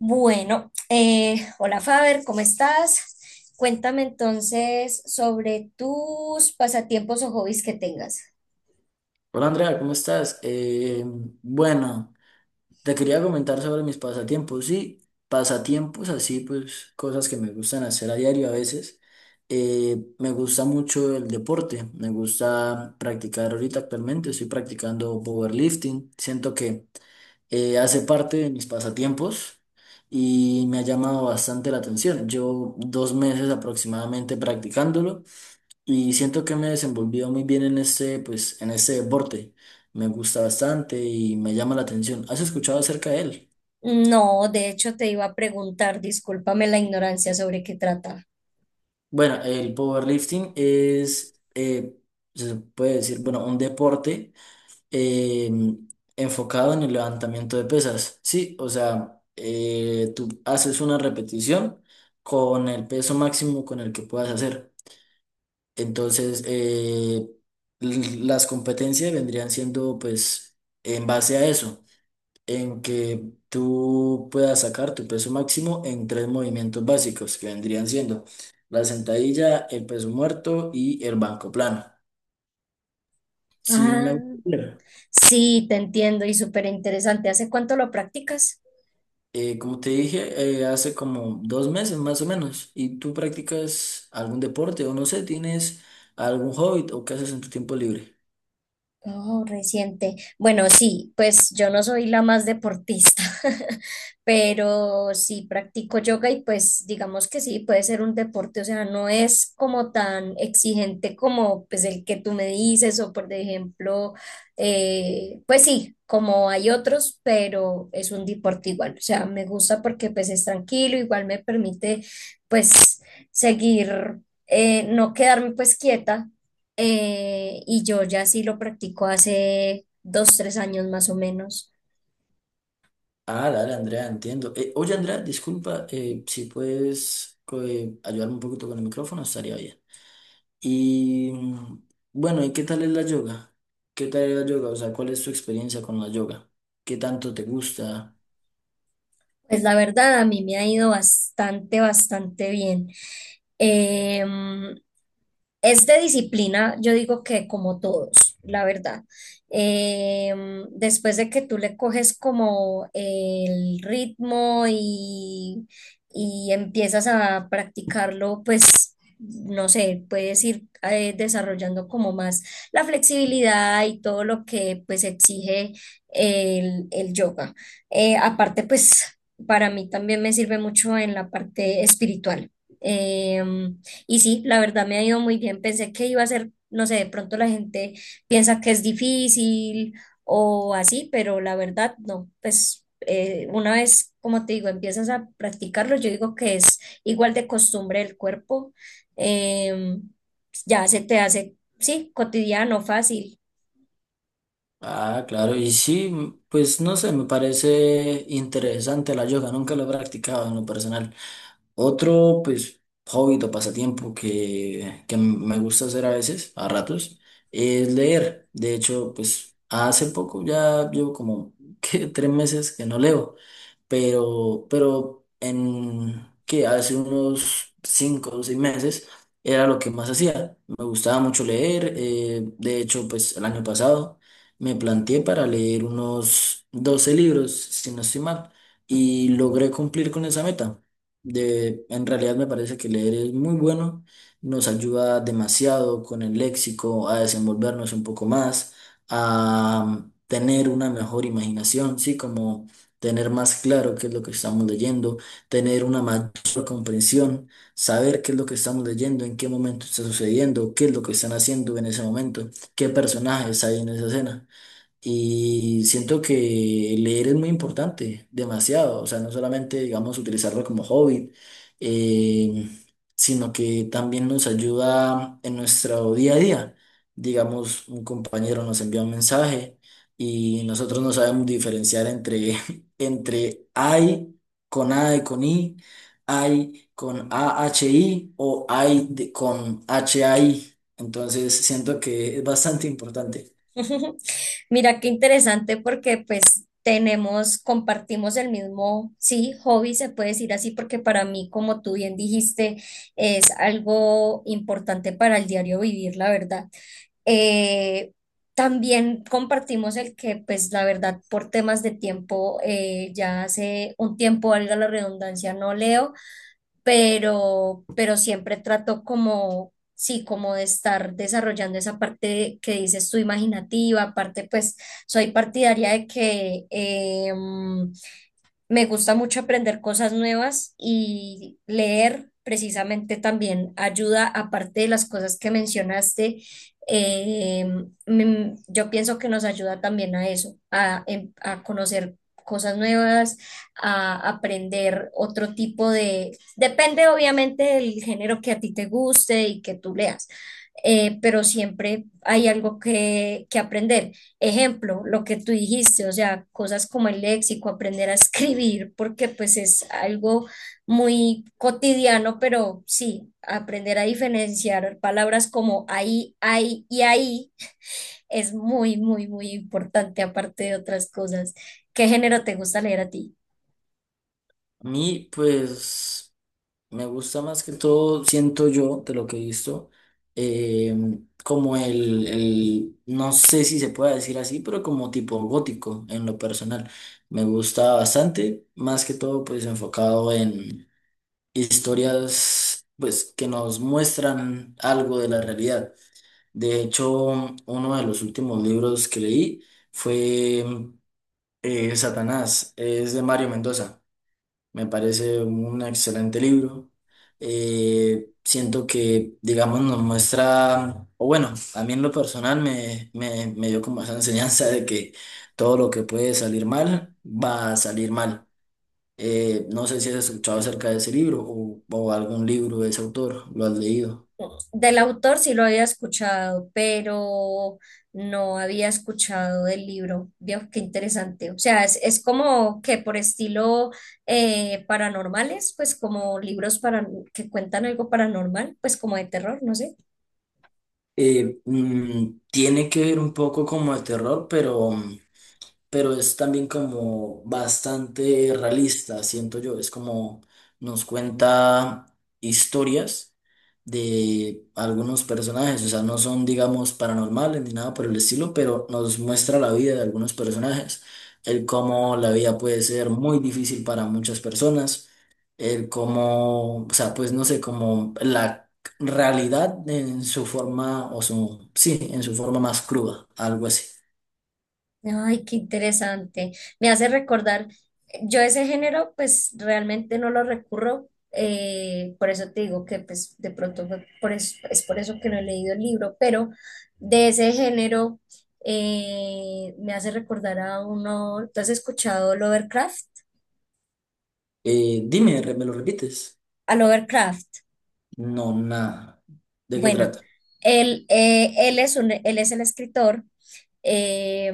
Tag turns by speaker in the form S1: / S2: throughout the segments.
S1: Bueno, hola Faber, ¿cómo estás? Cuéntame entonces sobre tus pasatiempos o hobbies que tengas.
S2: Hola Andrea, ¿cómo estás? Bueno, te quería comentar sobre mis pasatiempos. Sí, pasatiempos así, pues cosas que me gustan hacer a diario a veces. Me gusta mucho el deporte, me gusta practicar ahorita actualmente, estoy practicando powerlifting. Siento que hace parte de mis pasatiempos y me ha llamado bastante la atención. Llevo 2 meses aproximadamente practicándolo y siento que me he desenvolvido muy bien en este, pues, en este deporte. Me gusta bastante y me llama la atención. ¿Has escuchado acerca de él?
S1: No, de hecho te iba a preguntar, discúlpame la ignorancia sobre qué trata.
S2: Bueno, el powerlifting es, se puede decir, bueno, un deporte eh, enfocado en el levantamiento de pesas. Sí, o sea, tú haces una repetición con el peso máximo con el que puedas hacer. Entonces, las competencias vendrían siendo, pues, en base a eso, en que tú puedas sacar tu peso máximo en tres movimientos básicos que vendrían siendo la sentadilla, el peso muerto y el banco plano. Si
S1: Ah,
S2: me gustaría,
S1: sí, te entiendo y súper interesante. ¿Hace cuánto lo practicas?
S2: como te dije, hace como 2 meses más o menos, ¿y tú practicas algún deporte o no sé, tienes algún hobby o qué haces en tu tiempo libre?
S1: Oh, reciente. Bueno, sí, pues yo no soy la más deportista, pero sí practico yoga y pues digamos que sí, puede ser un deporte, o sea, no es como tan exigente como pues el que tú me dices o por ejemplo, pues sí, como hay otros, pero es un deporte igual, o sea, me gusta porque pues es tranquilo, igual me permite pues seguir, no quedarme pues quieta, y yo ya sí lo practico hace dos, 3 años más o menos.
S2: Ah, dale, Andrea, entiendo. Oye, Andrea, disculpa, si puedes ayudarme un poquito con el micrófono, estaría bien. Y bueno, ¿y qué tal es la yoga? ¿Qué tal es la yoga? O sea, ¿cuál es tu experiencia con la yoga? ¿Qué tanto te gusta?
S1: Pues la verdad, a mí me ha ido bastante, bastante bien. Em, es de disciplina, yo digo que como todos, la verdad. Después de que tú le coges como el ritmo y empiezas a practicarlo, pues no sé, puedes ir desarrollando como más la flexibilidad y todo lo que pues exige el yoga. Aparte, pues para mí también me sirve mucho en la parte espiritual. Em, y sí, la verdad me ha ido muy bien. Pensé que iba a ser, no sé, de pronto la gente piensa que es difícil o así, pero la verdad no. Pues una vez, como te digo, empiezas a practicarlo, yo digo que es igual de costumbre el cuerpo. em, ya se te hace, sí, cotidiano, fácil.
S2: Ah, claro, y sí, pues no sé, me parece interesante la yoga, nunca lo he practicado en lo personal. Otro, pues, hobby o pasatiempo que me gusta hacer a veces, a ratos, es leer. De hecho, pues, hace poco ya llevo como que 3 meses que no leo, pero en que hace unos 5 o 6 meses era lo que más hacía. Me gustaba mucho leer. De hecho, pues, el año pasado me planteé para leer unos 12 libros, si no estoy mal, y logré cumplir con esa meta. De, en realidad me parece que leer es muy bueno, nos ayuda demasiado con el léxico a desenvolvernos un poco más, a tener una mejor imaginación, sí, como tener más claro qué es lo que estamos leyendo, tener una mayor comprensión, saber qué es lo que estamos leyendo, en qué momento está sucediendo, qué es lo que están haciendo en ese momento, qué personajes hay en esa escena. Y siento que leer es muy importante, demasiado. O sea, no solamente, digamos, utilizarlo como hobby, eh, sino que también nos ayuda en nuestro día a día. Digamos, un compañero nos envía un mensaje y nosotros no sabemos diferenciar entre, entre I con A y con I, I con a h i o I de- con h A i. Entonces, siento que es bastante importante.
S1: Mira qué interesante porque pues tenemos, compartimos el mismo, sí, hobby, se puede decir así, porque para mí, como tú bien dijiste, es algo importante para el diario vivir, la verdad. Eh, También compartimos el que pues la verdad por temas de tiempo, ya hace un tiempo, valga la redundancia, no leo pero siempre trato como, sí, como de estar desarrollando esa parte que dices tú imaginativa, aparte pues soy partidaria de que, me gusta mucho aprender cosas nuevas y leer precisamente también ayuda, aparte de las cosas que mencionaste, eh, yo pienso que nos ayuda también a eso, a, a conocer cosas nuevas, a aprender otro tipo de... Depende obviamente del género que a ti te guste y que tú leas, pero siempre hay algo que aprender. Ejemplo, lo que tú dijiste, o sea, cosas como el léxico, aprender a escribir, porque pues es algo muy cotidiano, pero sí, aprender a diferenciar palabras como ahí, ahí y ahí es muy, muy, muy importante, aparte de otras cosas. ¿Qué género te gusta leer a ti?
S2: A mí, pues, me gusta más que todo, siento yo, de lo que he visto, eh, como el, no sé si se puede decir así, pero como tipo gótico en lo personal. Me gusta bastante, más que todo, pues, enfocado en historias, pues, que nos muestran algo de la realidad. De hecho, uno de los últimos libros que leí fue Satanás, es de Mario Mendoza. Me parece un excelente libro. Siento que, digamos, nos muestra, o bueno, a mí en lo personal me dio como esa enseñanza de que todo lo que puede salir mal va a salir mal. No sé si has escuchado acerca de ese libro o algún libro de ese autor, lo has leído.
S1: Del autor sí lo había escuchado, pero no había escuchado del libro. Veo qué interesante. O sea, es como que por estilo paranormales, pues como libros que cuentan algo paranormal, pues como de terror, no sé.
S2: Tiene que ver un poco como de terror, pero es también como bastante realista, siento yo. Es como nos cuenta historias de algunos personajes, o sea, no son, digamos, paranormales ni nada por el estilo, pero nos muestra la vida de algunos personajes, el cómo la vida puede ser muy difícil para muchas personas, el cómo, o sea, pues no sé, como la realidad en su forma, o su, sí, en su forma más cruda, algo así.
S1: Ay, qué interesante. Me hace recordar, yo ese género pues realmente no lo recurro, por eso te digo que pues de pronto fue por eso- es por eso que no he leído el libro, pero de ese género me hace recordar a uno, ¿tú has escuchado Lovecraft?
S2: Dime, ¿me lo repites?
S1: A Lovecraft.
S2: No, nada. ¿De qué
S1: Bueno,
S2: trata?
S1: él es él es el escritor, eh,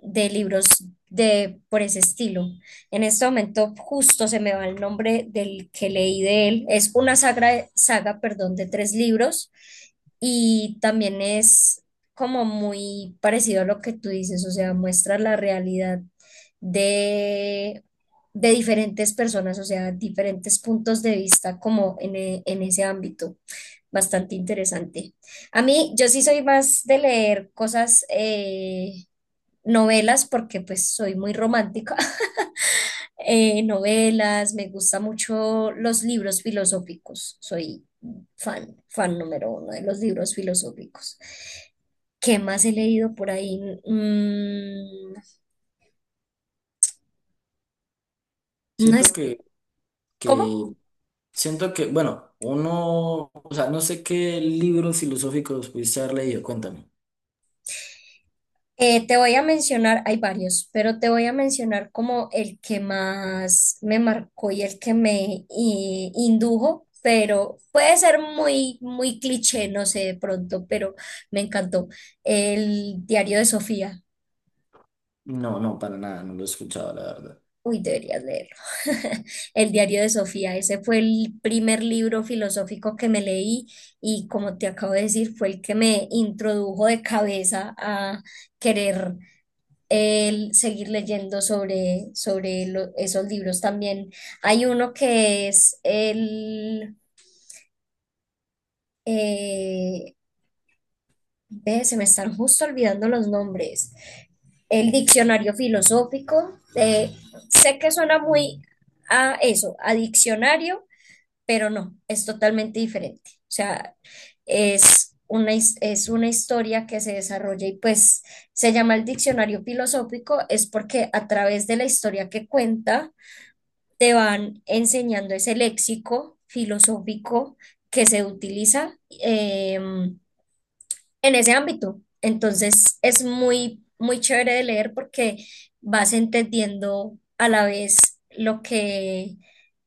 S1: de libros de, por ese estilo. En este momento justo se me va el nombre del que leí de él. Es una saga, perdón, de 3 libros y también es como muy parecido a lo que tú dices, o sea, muestra la realidad de, de diferentes personas, o sea, diferentes puntos de vista como en, en ese ámbito. Bastante interesante. A mí, yo sí soy más de leer cosas, novelas, porque pues soy muy romántica. Novelas, me gustan mucho los libros filosóficos. Soy fan, fan número uno de los libros filosóficos. ¿Qué más he leído por ahí? Mm, no
S2: Siento
S1: es,
S2: que,
S1: ¿cómo?
S2: que, siento que, bueno, uno, o sea, no sé qué libros filosóficos pudiste haber leído, cuéntame.
S1: Te voy a mencionar, hay varios, pero te voy a mencionar como el que más me marcó y el que me indujo, pero puede ser muy, muy cliché, no sé, de pronto, pero me encantó. El diario de Sofía.
S2: No, no, para nada, no lo he escuchado, la verdad.
S1: Uy, deberías leerlo. El diario de Sofía. Ese fue el primer libro filosófico que me leí y como te acabo de decir, fue el que me introdujo de cabeza a querer el seguir leyendo sobre esos libros también. Hay uno que es el... eh, ve, se me están justo olvidando los nombres. El diccionario filosófico. Sé que suena muy a eso, a diccionario, pero no, es totalmente diferente. O sea, es una, es una historia que se desarrolla y pues se llama el diccionario filosófico, es porque a través de la historia que cuenta, te van enseñando ese léxico filosófico que se utiliza en ese ámbito. Entonces es muy, muy chévere de leer porque vas entendiendo a la vez lo que,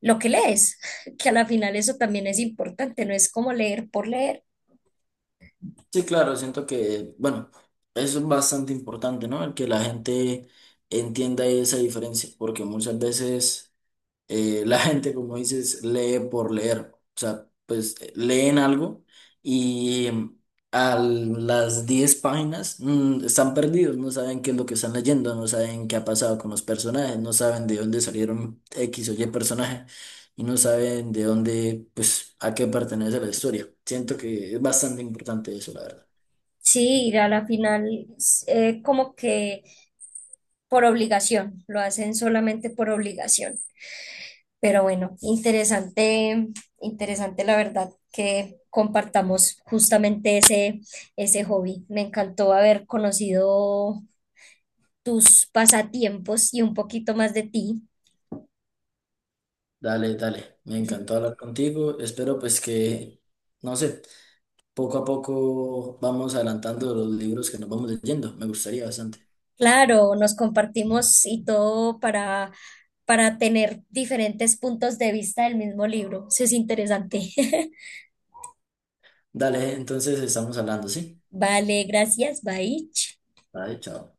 S1: lo que lees, que a la final eso también es importante, no es como leer por leer.
S2: Sí, claro, siento que, bueno, eso es bastante importante, ¿no? El que la gente entienda esa diferencia, porque muchas veces la gente, como dices, lee por leer. O sea, pues leen algo y a las 10 páginas están perdidos, no saben qué es lo que están leyendo, no saben qué ha pasado con los personajes, no saben de dónde salieron X o Y personaje y no saben de dónde, pues, a qué pertenece la historia. Siento que es bastante importante eso, la verdad.
S1: Sí, a la final es, como que por obligación, lo hacen solamente por obligación. Pero bueno, interesante, interesante la verdad que compartamos justamente ese, ese hobby. Me encantó haber conocido tus pasatiempos y un poquito más de ti.
S2: Dale, dale, me encantó hablar contigo. Espero pues que, no sé, poco a poco vamos adelantando los libros que nos vamos leyendo. Me gustaría bastante.
S1: Claro, nos compartimos y todo para tener diferentes puntos de vista del mismo libro. Eso es interesante.
S2: Dale, entonces estamos hablando, ¿sí?
S1: Vale, gracias. Bye.
S2: Vale, chao.